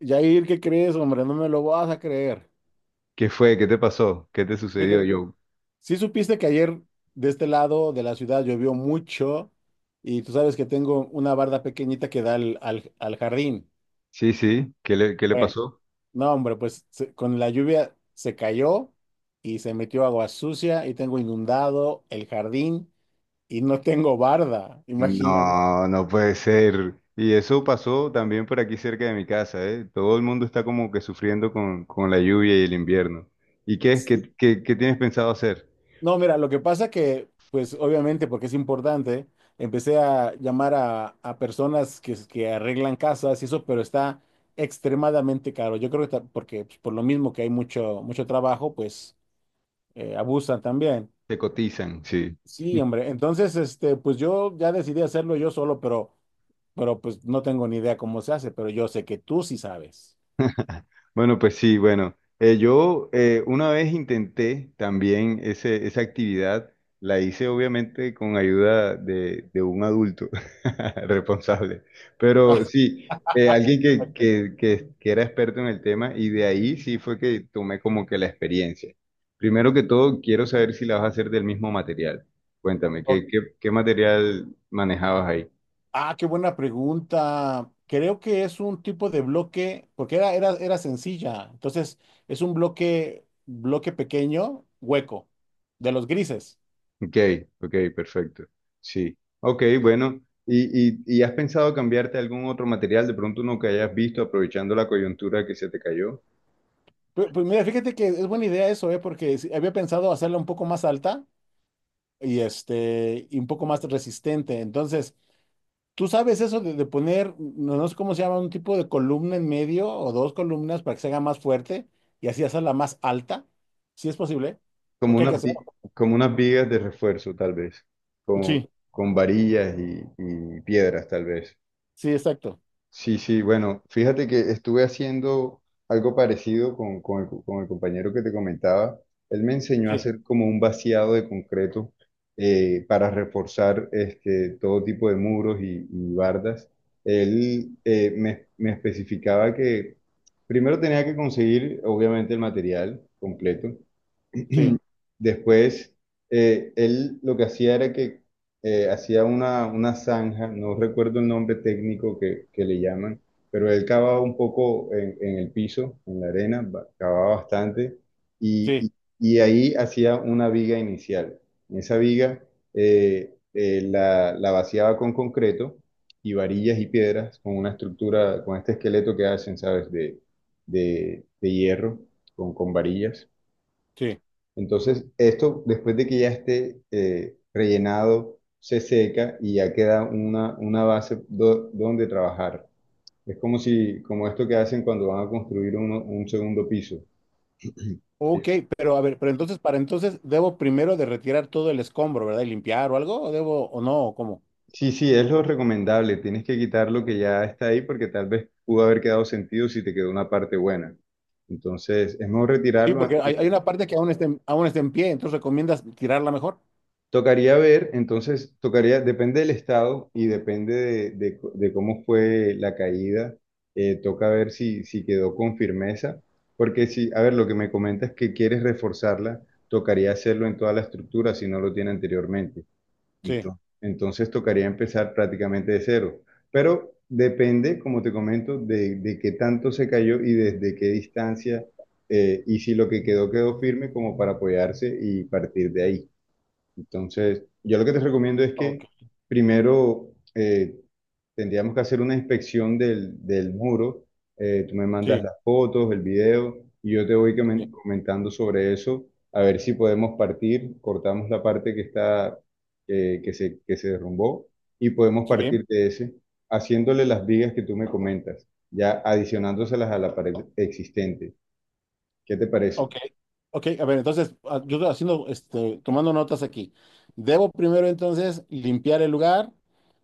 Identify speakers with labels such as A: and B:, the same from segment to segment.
A: Jair, ¿qué crees, hombre? No me lo vas a creer.
B: ¿Qué fue? ¿Qué te pasó? ¿Qué te sucedió,
A: Fíjate,
B: Joe?
A: sí supiste que ayer de este lado de la ciudad llovió mucho y tú sabes que tengo una barda pequeñita que da al jardín.
B: Sí, sí, qué le
A: Bueno,
B: pasó?
A: no, hombre, pues con la lluvia se cayó y se metió agua sucia y tengo inundado el jardín y no tengo barda, imagínate.
B: No, no puede ser. Y eso pasó también por aquí cerca de mi casa, ¿eh? Todo el mundo está como que sufriendo con la lluvia y el invierno. ¿Y qué es? ¿Qué, qué tienes pensado hacer?
A: No, mira, lo que pasa que, pues obviamente, porque es importante, empecé a llamar a personas que arreglan casas y eso, pero está extremadamente caro. Yo creo que porque pues, por lo mismo que hay mucho, mucho trabajo, pues abusan también.
B: Te cotizan, sí.
A: Sí, hombre. Entonces, este, pues yo ya decidí hacerlo yo solo, pero pues no tengo ni idea cómo se hace, pero yo sé que tú sí sabes.
B: Bueno, pues sí, bueno, yo una vez intenté también esa actividad, la hice obviamente con ayuda de un adulto responsable, pero sí, alguien que era experto en el tema y de ahí sí fue que tomé como que la experiencia. Primero que todo, quiero saber si la vas a hacer del mismo material. Cuéntame,
A: Ah, ok.
B: ¿qué, qué material manejabas ahí?
A: Ah, qué buena pregunta. Creo que es un tipo de bloque, porque era sencilla. Entonces, es un bloque pequeño, hueco, de los grises.
B: Ok, ok, perfecto. Sí. Ok, bueno. ¿Y, y has pensado cambiarte algún otro material, de pronto uno que hayas visto aprovechando la coyuntura que se te cayó?
A: Pues, mira, fíjate que es buena idea eso, ¿eh? Porque sí, había pensado hacerla un poco más alta y, este, y un poco más resistente. Entonces, tú sabes eso de poner, no, no sé cómo se llama, un tipo de columna en medio o dos columnas para que se haga más fuerte y así hacerla más alta, si es posible. ¿O
B: Como
A: qué hay que
B: unas,
A: hacer?
B: vi- Como unas vigas de refuerzo, tal vez, con,
A: Sí,
B: con varillas y piedras, tal vez.
A: sí, exacto.
B: Sí, sí, bueno, fíjate que estuve haciendo algo parecido con, con el compañero que te comentaba. Él me enseñó a
A: Sí,
B: hacer como un vaciado de concreto para reforzar este, todo tipo de muros y bardas. Él me especificaba que primero tenía que conseguir, obviamente, el material completo.
A: sí,
B: Después, él lo que hacía era que hacía una zanja. No recuerdo el nombre técnico que le llaman, pero él cavaba un poco en el piso, en la arena, cavaba bastante, y,
A: sí,
B: y- y ahí hacía una viga inicial. En esa viga la vaciaba con concreto y varillas y piedras, con una estructura, con este esqueleto que hacen, ¿sabes?, de hierro, con varillas.
A: sí.
B: Entonces, esto después de que ya esté rellenado, se seca y ya queda una base donde trabajar. Es como si, como esto que hacen cuando van a construir un segundo piso. Eh,
A: Ok, pero a ver, pero entonces, para entonces, ¿debo primero de retirar todo el escombro, ¿verdad? Y limpiar o algo, o debo, o no, o cómo?
B: Sí, sí, es lo recomendable. Tienes que quitar lo que ya está ahí porque tal vez pudo haber quedado sentido si te quedó una parte buena. Entonces, es mejor
A: Sí,
B: retirarlo.
A: porque hay una parte que aún está, aún está en pie, entonces recomiendas tirarla mejor.
B: Tocaría ver, entonces, tocaría, depende del estado y depende de, de cómo fue la caída, toca ver si, si quedó con firmeza, porque si, a ver, lo que me comentas es que quieres reforzarla, tocaría hacerlo en toda la estructura si no lo tiene anteriormente.
A: Sí,
B: Entonces tocaría empezar prácticamente de cero, pero depende, como te comento, de qué tanto se cayó y desde qué distancia, y si lo que quedó quedó firme como para apoyarse y partir de ahí. Entonces, yo lo que te recomiendo es que
A: ok,
B: primero tendríamos que hacer una inspección del, del muro. Tú me mandas
A: sí,
B: las fotos, el video, y yo te voy
A: sí,
B: comentando sobre eso, a ver si podemos partir, cortamos la parte que está, que se derrumbó, y podemos
A: sí.
B: partir de ese, haciéndole las vigas que tú me comentas, ya adicionándoselas a la pared existente. ¿Qué te parece?
A: Ok, ok, a ver, entonces yo estoy haciendo, este, tomando notas aquí. Debo primero entonces limpiar el lugar,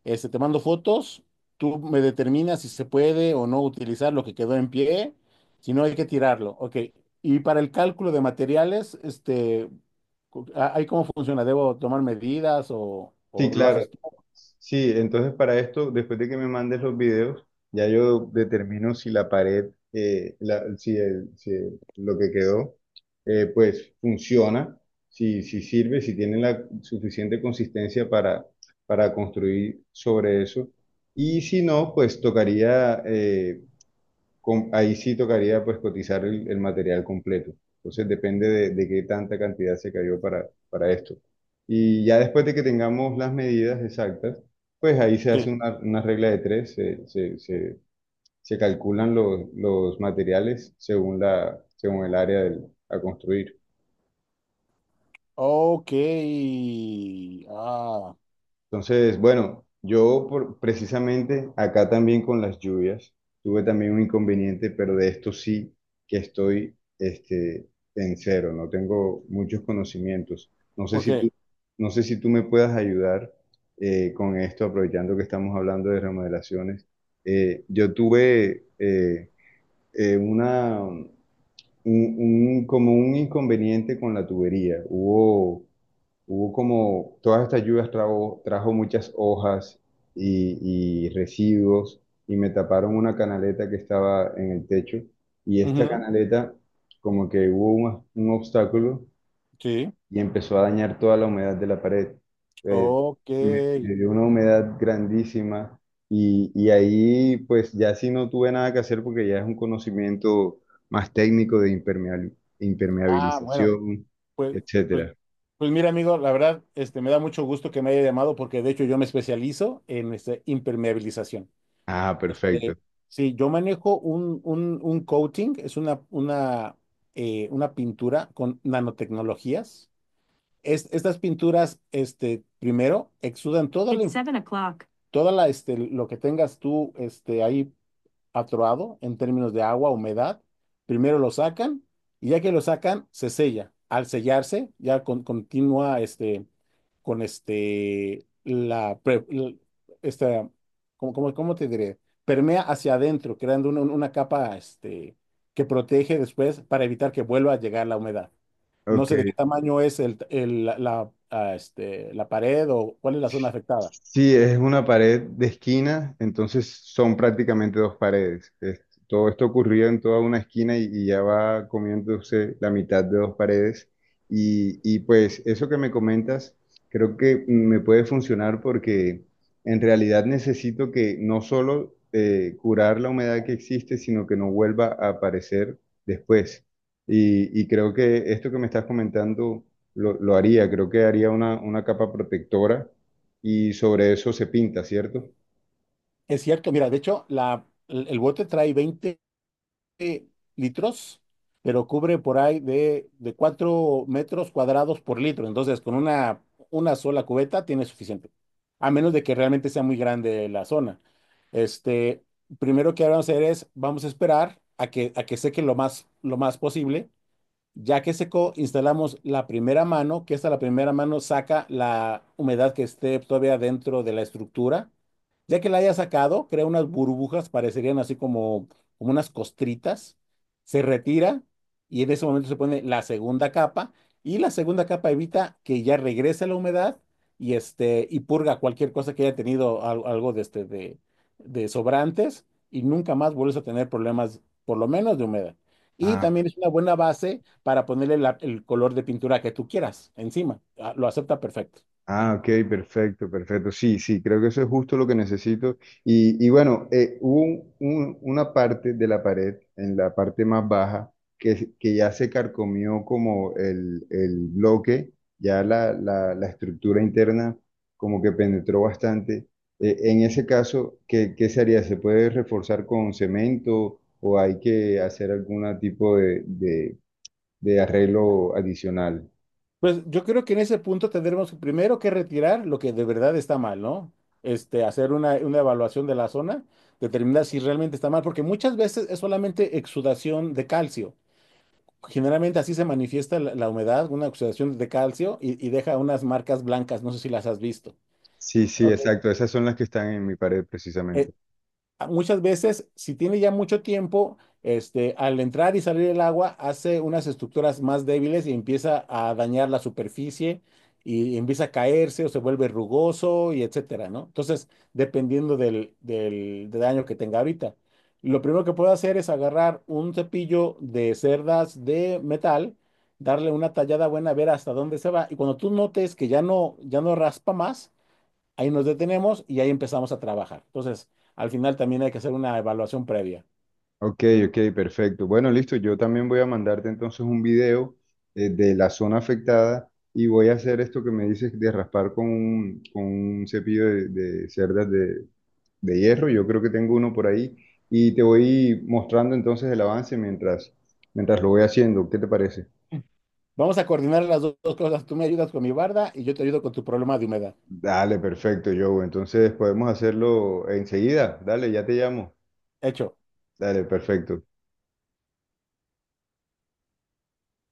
A: este, te mando fotos, tú me determinas si se puede o no utilizar lo que quedó en pie, si no hay que tirarlo, ok. Y para el cálculo de materiales, este, ¿ahí cómo funciona? ¿Debo tomar medidas o,
B: Sí,
A: o lo
B: claro.
A: haces tú?
B: Sí, entonces para esto, después de que me mandes los videos, ya yo determino si la pared, la- si, el- si el- lo que quedó, pues funciona, si, si sirve, si tiene la suficiente consistencia para construir sobre eso. Y si no, pues tocaría, ahí sí tocaría pues cotizar el material completo. Entonces depende de qué tanta cantidad se cayó para esto. Y ya después de que tengamos las medidas exactas, pues ahí se
A: Sí.
B: hace una regla de tres, se calculan los materiales según la, según el área a construir.
A: Ok, ah,
B: Entonces, bueno, precisamente acá también con las lluvias tuve también un inconveniente, pero de esto sí que estoy este, en cero, no tengo muchos conocimientos. No sé
A: ¿por
B: si tú,
A: qué?
B: no sé si tú me puedas ayudar con esto, aprovechando que estamos hablando de remodelaciones. Yo tuve eh, una, un, como un inconveniente con la tubería. Hubo como todas estas lluvias trajo, trajo muchas hojas y residuos y me taparon una canaleta que estaba en el techo y esta
A: Ujú,
B: canaleta como que hubo un obstáculo
A: sí,
B: y empezó a dañar toda la humedad de la pared. Eh,
A: ok.
B: me dio una humedad grandísima y ahí pues ya sí no tuve nada que hacer porque ya es un conocimiento más técnico de
A: Ah, bueno.
B: impermeabilización,
A: Pues, pues,
B: etcétera.
A: pues mira, amigo, la verdad, este, me da mucho gusto que me haya llamado porque de hecho yo me especializo en este, impermeabilización.
B: Ah, perfecto.
A: Este, sí, yo manejo un, un coating, es una pintura con nanotecnologías. Estas pinturas, este, primero, exudan It's 7 o'clock. Toda la, este, lo que tengas tú, este, ahí atroado en términos de agua, humedad. Primero lo sacan y ya que lo sacan, se sella. Al sellarse, ya continúa este, con este, esta, ¿cómo te diré? Permea hacia adentro, creando una capa este, que protege después para evitar que vuelva a llegar la humedad. No
B: Ok,
A: sé de qué tamaño es este, la pared o cuál es la zona afectada.
B: sí, es una pared de esquina, entonces son prácticamente dos paredes. Todo esto ocurrió en toda una esquina y ya va comiéndose la mitad de dos paredes. Y pues eso que me comentas, creo que me puede funcionar porque en realidad necesito que no solo curar la humedad que existe, sino que no vuelva a aparecer después. Y creo que esto que me estás comentando lo haría, creo que haría una capa protectora y sobre eso se pinta, ¿cierto?
A: Es cierto, mira, de hecho, el bote trae 20 eh, litros, pero cubre por ahí de 4 metros cuadrados por litro. Entonces, con una sola cubeta tiene suficiente, a menos de que realmente sea muy grande la zona. Este, primero que vamos a hacer es, vamos a esperar a que seque lo más posible ya que secó, instalamos la primera mano, que esta la primera mano saca la humedad que esté todavía dentro de la estructura. Ya que la haya sacado, crea unas burbujas, parecerían así como unas costritas. Se retira y en ese momento se pone la segunda capa y la segunda capa evita que ya regrese la humedad y, este, purga cualquier cosa que haya tenido algo de sobrantes y nunca más vuelves a tener problemas, por lo menos de humedad. Y
B: Ah,
A: también es una buena base para ponerle el color de pintura que tú quieras encima. Ah, lo acepta perfecto.
B: ah, ok, perfecto, perfecto. Sí, sí, creo que eso es justo lo que necesito. Y bueno, una parte de la pared, en la parte más baja, que ya se carcomió como el bloque, ya la estructura interna como que penetró bastante. En ese caso, ¿qué, qué se haría? ¿Se puede reforzar con cemento o hay que hacer algún tipo de arreglo adicional?
A: Pues yo creo que en ese punto tendremos primero que retirar lo que de verdad está mal, ¿no? Este, hacer una evaluación de la zona, determinar si realmente está mal, porque muchas veces es solamente exudación de calcio. Generalmente así se manifiesta la humedad, una exudación de calcio y deja unas marcas blancas, no sé si las has visto.
B: Sí, sí,
A: Ok.
B: exacto. Esas son las que están en mi pared
A: Eh,
B: precisamente.
A: Muchas veces, si tiene ya mucho tiempo, este, al entrar y salir el agua, hace unas estructuras más débiles y empieza a dañar la superficie y empieza a caerse o se vuelve rugoso y etcétera, ¿no? Entonces, dependiendo del daño que tenga ahorita. Lo primero que puedo hacer es agarrar un cepillo de cerdas de metal, darle una tallada buena, ver hasta dónde se va. Y cuando tú notes que ya no raspa más, ahí nos detenemos y ahí empezamos a trabajar. Entonces, al final también hay que hacer una evaluación previa.
B: Ok, ok, perfecto. Bueno, listo. Yo también voy a mandarte entonces un video de la zona afectada y voy a hacer esto que me dices de raspar con un cepillo de, de hierro. Yo creo que tengo uno por ahí y te voy mostrando entonces el avance mientras, mientras lo voy haciendo. ¿Qué te parece?
A: Vamos a coordinar las dos cosas. Tú me ayudas con mi barda y yo te ayudo con tu problema de humedad.
B: Dale, perfecto, Joe. Entonces podemos hacerlo enseguida. Dale, ya te llamo.
A: Hecho.
B: Dale, perfecto.